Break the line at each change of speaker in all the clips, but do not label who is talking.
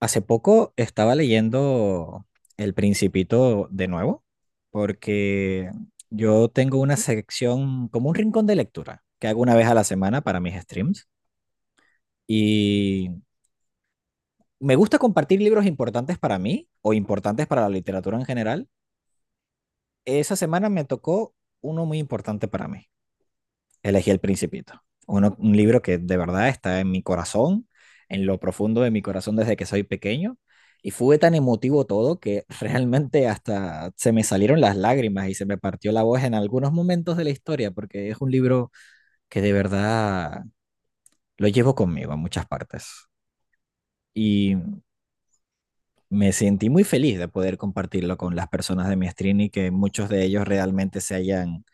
Hace poco estaba leyendo El Principito de nuevo, porque yo tengo una sección, como un rincón de lectura, que hago una vez a la semana para mis streams. Y me gusta compartir libros importantes para mí o importantes para la literatura en general. Esa semana me tocó uno muy importante para mí. Elegí El Principito. Un libro que de verdad está en mi corazón, en lo profundo de mi corazón desde que soy pequeño. Y fue tan emotivo todo que realmente hasta se me salieron las lágrimas y se me partió la voz en algunos momentos de la historia, porque es un libro que de verdad lo llevo conmigo a muchas partes. Y me sentí muy feliz de poder compartirlo con las personas de mi stream y que muchos de ellos realmente se hayan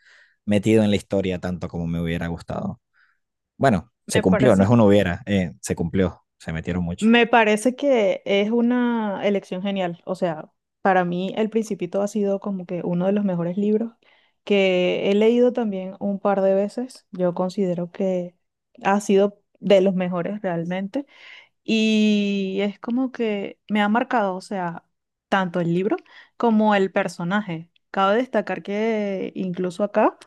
metido en la historia tanto como me hubiera gustado. Bueno, se
Me
cumplió, no
parece,
es un hubiera, se cumplió, se metieron mucho.
me parece que es una elección genial. O sea, para mí El Principito ha sido como que uno de los mejores libros que he leído también un par de veces. Yo considero que ha sido de los mejores realmente. Y es como que me ha marcado, o sea, tanto el libro como el personaje. Cabe destacar que incluso acá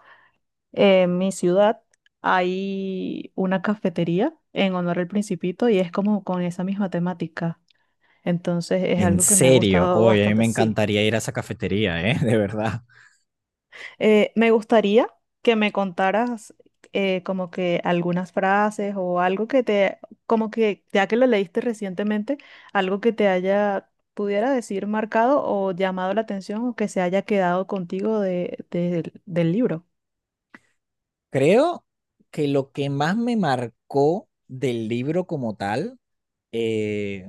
en mi ciudad hay una cafetería en honor al Principito y es como con esa misma temática. Entonces es
En
algo que me ha
serio,
gustado
oye, a mí me
bastante, sí.
encantaría ir a esa cafetería, ¿eh? De verdad.
Me gustaría que me contaras como que algunas frases o algo que te, como que ya que lo leíste recientemente, algo que te haya, pudiera decir, marcado o llamado la atención o que se haya quedado contigo del libro.
Creo que lo que más me marcó del libro como tal, eh,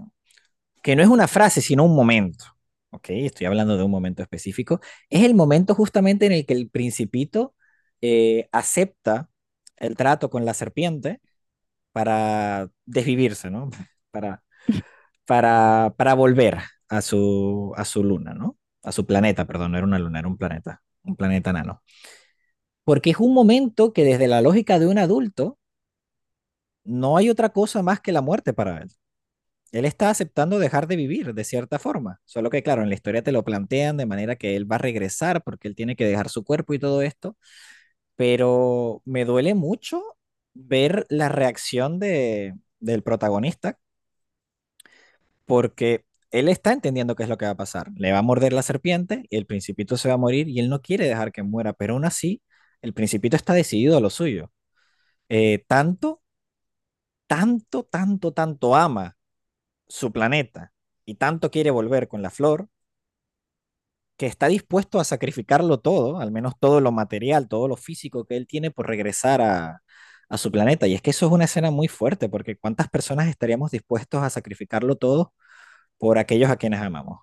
que no es una frase, sino un momento, ¿ok? Estoy hablando de un momento específico, es el momento justamente en el que el principito acepta el trato con la serpiente para desvivirse, ¿no? Para para volver a su luna, ¿no? A su planeta, perdón, no era una luna, era un planeta nano. Porque es un momento que desde la lógica de un adulto no hay otra cosa más que la muerte para él. Él está aceptando dejar de vivir de cierta forma, solo que claro, en la historia te lo plantean de manera que él va a regresar porque él tiene que dejar su cuerpo y todo esto, pero me duele mucho ver la reacción del protagonista porque él está entendiendo qué es lo que va a pasar. Le va a morder la serpiente y el principito se va a morir y él no quiere dejar que muera, pero aún así, el principito está decidido a lo suyo. Tanto, tanto, tanto, tanto ama su planeta y tanto quiere volver con la flor que está dispuesto a sacrificarlo todo, al menos todo lo material, todo lo físico que él tiene por regresar a su planeta. Y es que eso es una escena muy fuerte, porque ¿cuántas personas estaríamos dispuestos a sacrificarlo todo por aquellos a quienes amamos?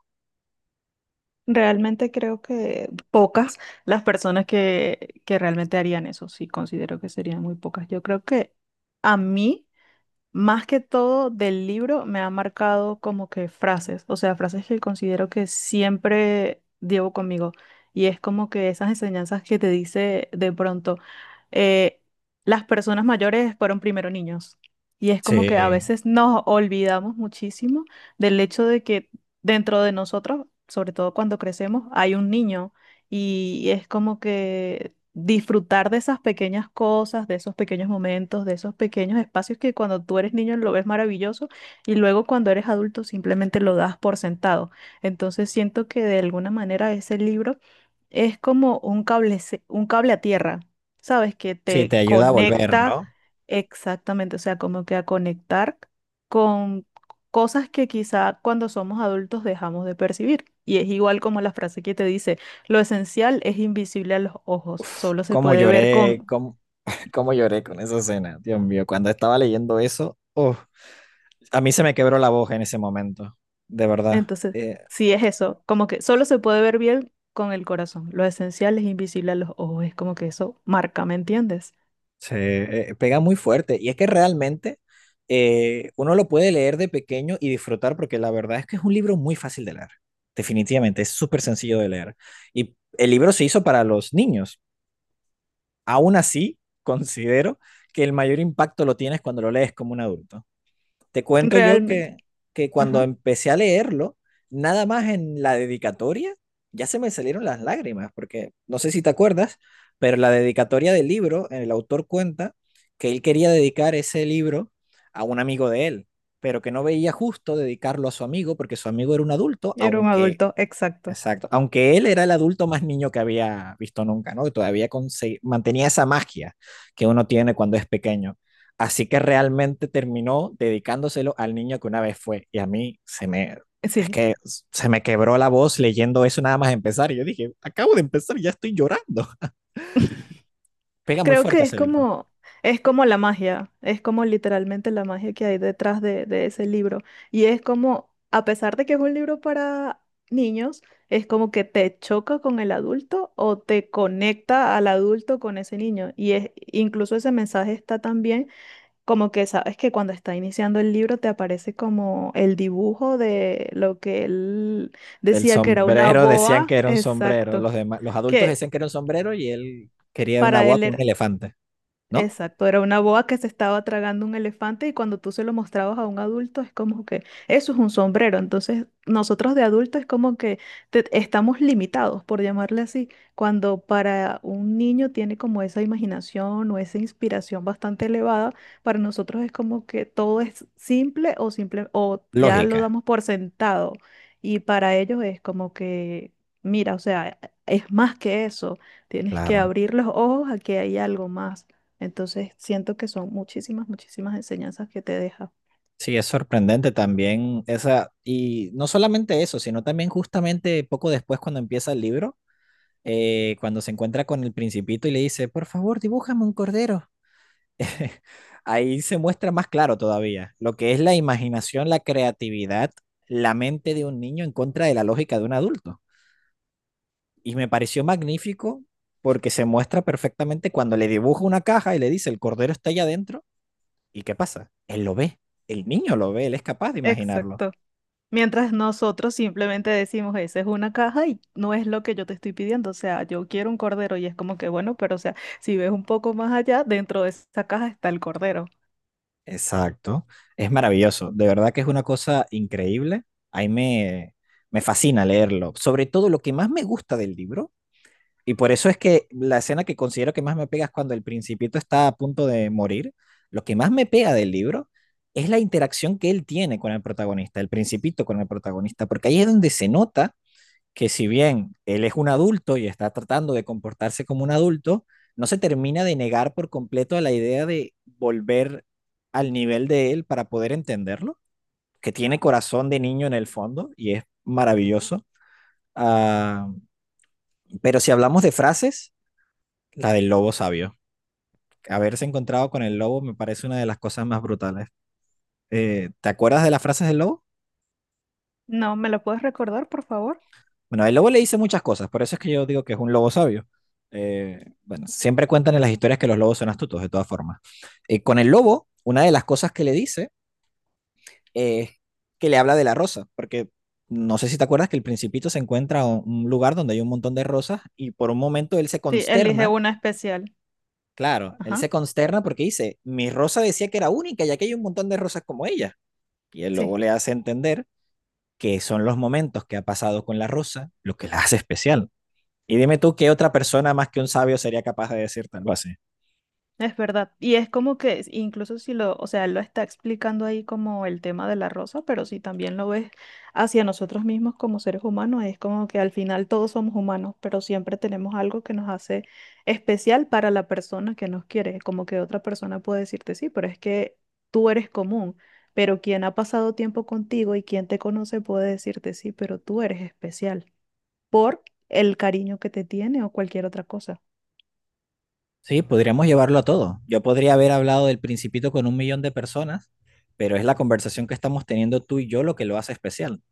Realmente creo que pocas las personas que realmente harían eso, sí, considero que serían muy pocas. Yo creo que a mí... Más que todo del libro me ha marcado como que frases, o sea, frases que considero que siempre llevo conmigo. Y es como que esas enseñanzas que te dice de pronto, eh, las personas mayores fueron primero niños. Y es como que a
Sí.
veces nos olvidamos muchísimo del hecho de que dentro de nosotros, sobre todo cuando crecemos, hay un niño. Y es como que disfrutar de esas pequeñas cosas, de esos pequeños momentos, de esos pequeños espacios que cuando tú eres niño lo ves maravilloso y luego cuando eres adulto simplemente lo das por sentado. Entonces siento que de alguna manera ese libro es como un cable, un cable a tierra, ¿sabes? Que
Sí, te
te
ayuda a volver,
conecta
¿no?
exactamente, o sea, como que a conectar con cosas que quizá cuando somos adultos dejamos de percibir. Y es igual como la frase que te dice, lo esencial es invisible a los ojos, solo se
Cómo
puede ver
lloré,
con...
cómo, cómo lloré con esa escena. Dios mío, cuando estaba leyendo eso, uf, a mí se me quebró la voz en ese momento, de verdad.
Entonces,
Eh,
sí es eso, como que solo se puede ver bien con el corazón, lo esencial es invisible a los ojos, es como que eso marca, ¿me entiendes?
se eh, pega muy fuerte. Y es que realmente uno lo puede leer de pequeño y disfrutar porque la verdad es que es un libro muy fácil de leer. Definitivamente, es súper sencillo de leer. Y el libro se hizo para los niños. Aún así, considero que el mayor impacto lo tienes cuando lo lees como un adulto. Te cuento yo
Realmente.
que, que cuando
Ajá.
empecé a leerlo, nada más en la dedicatoria, ya se me salieron las lágrimas, porque no sé si te acuerdas, pero la dedicatoria del libro, el autor cuenta que él quería dedicar ese libro a un amigo de él, pero que no veía justo dedicarlo a su amigo porque su amigo era un adulto,
Era un
aunque.
adulto, exacto.
Exacto. Aunque él era el adulto más niño que había visto nunca, ¿no? Y todavía mantenía esa magia que uno tiene cuando es pequeño. Así que realmente terminó dedicándoselo al niño que una vez fue. Y a mí se me, es
Sí.
que se me quebró la voz leyendo eso nada más empezar. Y yo dije, acabo de empezar, ya estoy llorando. Pega muy
Creo
fuerte
que
ese libro.
es como la magia, es como literalmente la magia que hay detrás de ese libro. Y es como, a pesar de que es un libro para niños, es como que te choca con el adulto o te conecta al adulto con ese niño. Y es, incluso ese mensaje está también como que sabes que cuando está iniciando el libro te aparece como el dibujo de lo que él
Del
decía que era una
sombrero decían
boa,
que era un sombrero.
exacto,
Los demás, los adultos
que
decían que era un sombrero y él quería una
para
boa
él
con un
era.
elefante, ¿no?
Exacto, era una boa que se estaba tragando un elefante y cuando tú se lo mostrabas a un adulto es como que eso es un sombrero. Entonces nosotros de adultos es como que estamos limitados, por llamarle así, cuando para un niño tiene como esa imaginación o esa inspiración bastante elevada, para nosotros es como que todo es simple o simple o ya lo
Lógica.
damos por sentado y para ellos es como que, mira, o sea, es más que eso, tienes que
Claro.
abrir los ojos a que hay algo más. Entonces siento que son muchísimas, muchísimas enseñanzas que te deja.
Sí, es sorprendente también esa, y no solamente eso, sino también justamente poco después cuando empieza el libro, cuando se encuentra con el principito y le dice, por favor, dibújame un cordero. Ahí se muestra más claro todavía lo que es la imaginación, la creatividad, la mente de un niño en contra de la lógica de un adulto. Y me pareció magnífico porque se muestra perfectamente cuando le dibuja una caja y le dice, el cordero está allá adentro, ¿y qué pasa? Él lo ve, el niño lo ve, él es capaz de imaginarlo.
Exacto. Mientras nosotros simplemente decimos, esa es una caja y no es lo que yo te estoy pidiendo. O sea, yo quiero un cordero y es como que, bueno, pero o sea, si ves un poco más allá, dentro de esa caja está el cordero.
Exacto. Es maravilloso. De verdad que es una cosa increíble. Ahí me, me fascina leerlo. Sobre todo lo que más me gusta del libro, y por eso es que la escena que considero que más me pega es cuando el principito está a punto de morir. Lo que más me pega del libro es la interacción que él tiene con el protagonista, el principito con el protagonista, porque ahí es donde se nota que si bien él es un adulto y está tratando de comportarse como un adulto, no se termina de negar por completo a la idea de volver al nivel de él para poder entenderlo, que tiene corazón de niño en el fondo y es maravilloso. Ah, pero si hablamos de frases, la del lobo sabio. Haberse encontrado con el lobo me parece una de las cosas más brutales. ¿Te acuerdas de las frases del lobo?
No, ¿me lo puedes recordar, por favor?
Bueno, el lobo le dice muchas cosas, por eso es que yo digo que es un lobo sabio. Bueno, siempre cuentan en las historias que los lobos son astutos, de todas formas. Con el lobo, una de las cosas que le dice es que le habla de la rosa, porque no sé si te acuerdas que el Principito se encuentra en un lugar donde hay un montón de rosas y por un momento él se
Sí, elige
consterna,
una especial.
claro, él
Ajá.
se consterna porque dice, mi rosa decía que era única y aquí hay un montón de rosas como ella. Y el
Sí.
lobo le hace entender que son los momentos que ha pasado con la rosa lo que la hace especial. Y dime tú qué otra persona más que un sabio sería capaz de decirte algo así.
Es verdad. Y es como que incluso si lo, o sea, él lo está explicando ahí como el tema de la rosa, pero si también lo ves hacia nosotros mismos como seres humanos, es como que al final todos somos humanos, pero siempre tenemos algo que nos hace especial para la persona que nos quiere. Como que otra persona puede decirte, sí, pero es que tú eres común, pero quien ha pasado tiempo contigo y quien te conoce puede decirte, sí, pero tú eres especial por el cariño que te tiene o cualquier otra cosa.
Sí, podríamos llevarlo a todo. Yo podría haber hablado del principito con un millón de personas, pero es la conversación que estamos teniendo tú y yo lo que lo hace especial.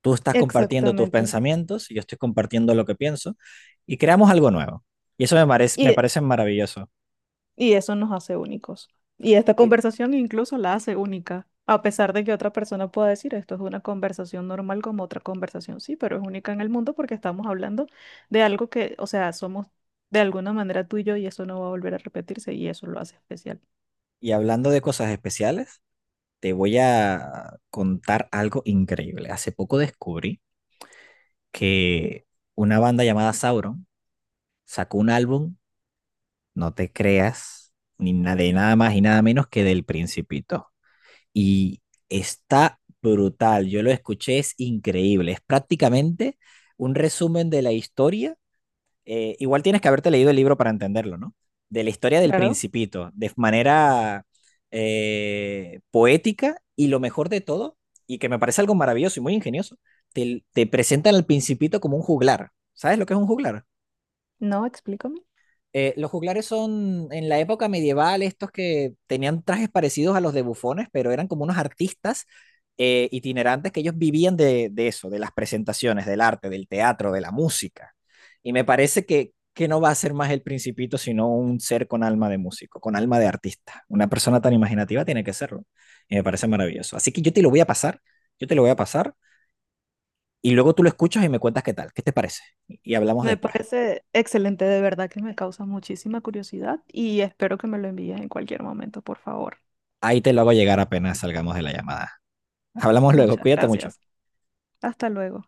Tú estás compartiendo tus
Exactamente.
pensamientos y yo estoy compartiendo lo que pienso y creamos algo nuevo. Y eso me parece maravilloso.
Y eso nos hace únicos. Y esta
Y,
conversación incluso la hace única, a pesar de que otra persona pueda decir, esto es una conversación normal como otra conversación, sí, pero es única en el mundo porque estamos hablando de algo que, o sea, somos de alguna manera tú y yo y eso no va a volver a repetirse y eso lo hace especial.
y hablando de cosas especiales, te voy a contar algo increíble. Hace poco descubrí que una banda llamada Sauron sacó un álbum, no te creas, ni na- de nada más y nada menos que del Principito. Y está brutal, yo lo escuché, es increíble, es prácticamente un resumen de la historia. Eh, igual tienes que haberte leído el libro para entenderlo, ¿no? De la historia del
Claro,
Principito, de manera poética y lo mejor de todo, y que me parece algo maravilloso y muy ingenioso, te presentan al Principito como un juglar. ¿Sabes lo que es un juglar?
no, explícame.
Los juglares son en la época medieval estos que tenían trajes parecidos a los de bufones, pero eran como unos artistas itinerantes que ellos vivían de eso, de las presentaciones, del arte, del teatro, de la música. Y me parece que no va a ser más el principito, sino un ser con alma de músico, con alma de artista. Una persona tan imaginativa tiene que serlo. Y me parece maravilloso. Así que yo te lo voy a pasar, yo te lo voy a pasar, y luego tú lo escuchas y me cuentas qué tal, qué te parece. Y hablamos
Me
después.
parece excelente, de verdad que me causa muchísima curiosidad y espero que me lo envíes en cualquier momento, por favor.
Ahí te lo hago llegar apenas salgamos de la llamada. Hablamos luego,
Muchas
cuídate mucho.
gracias. Hasta luego.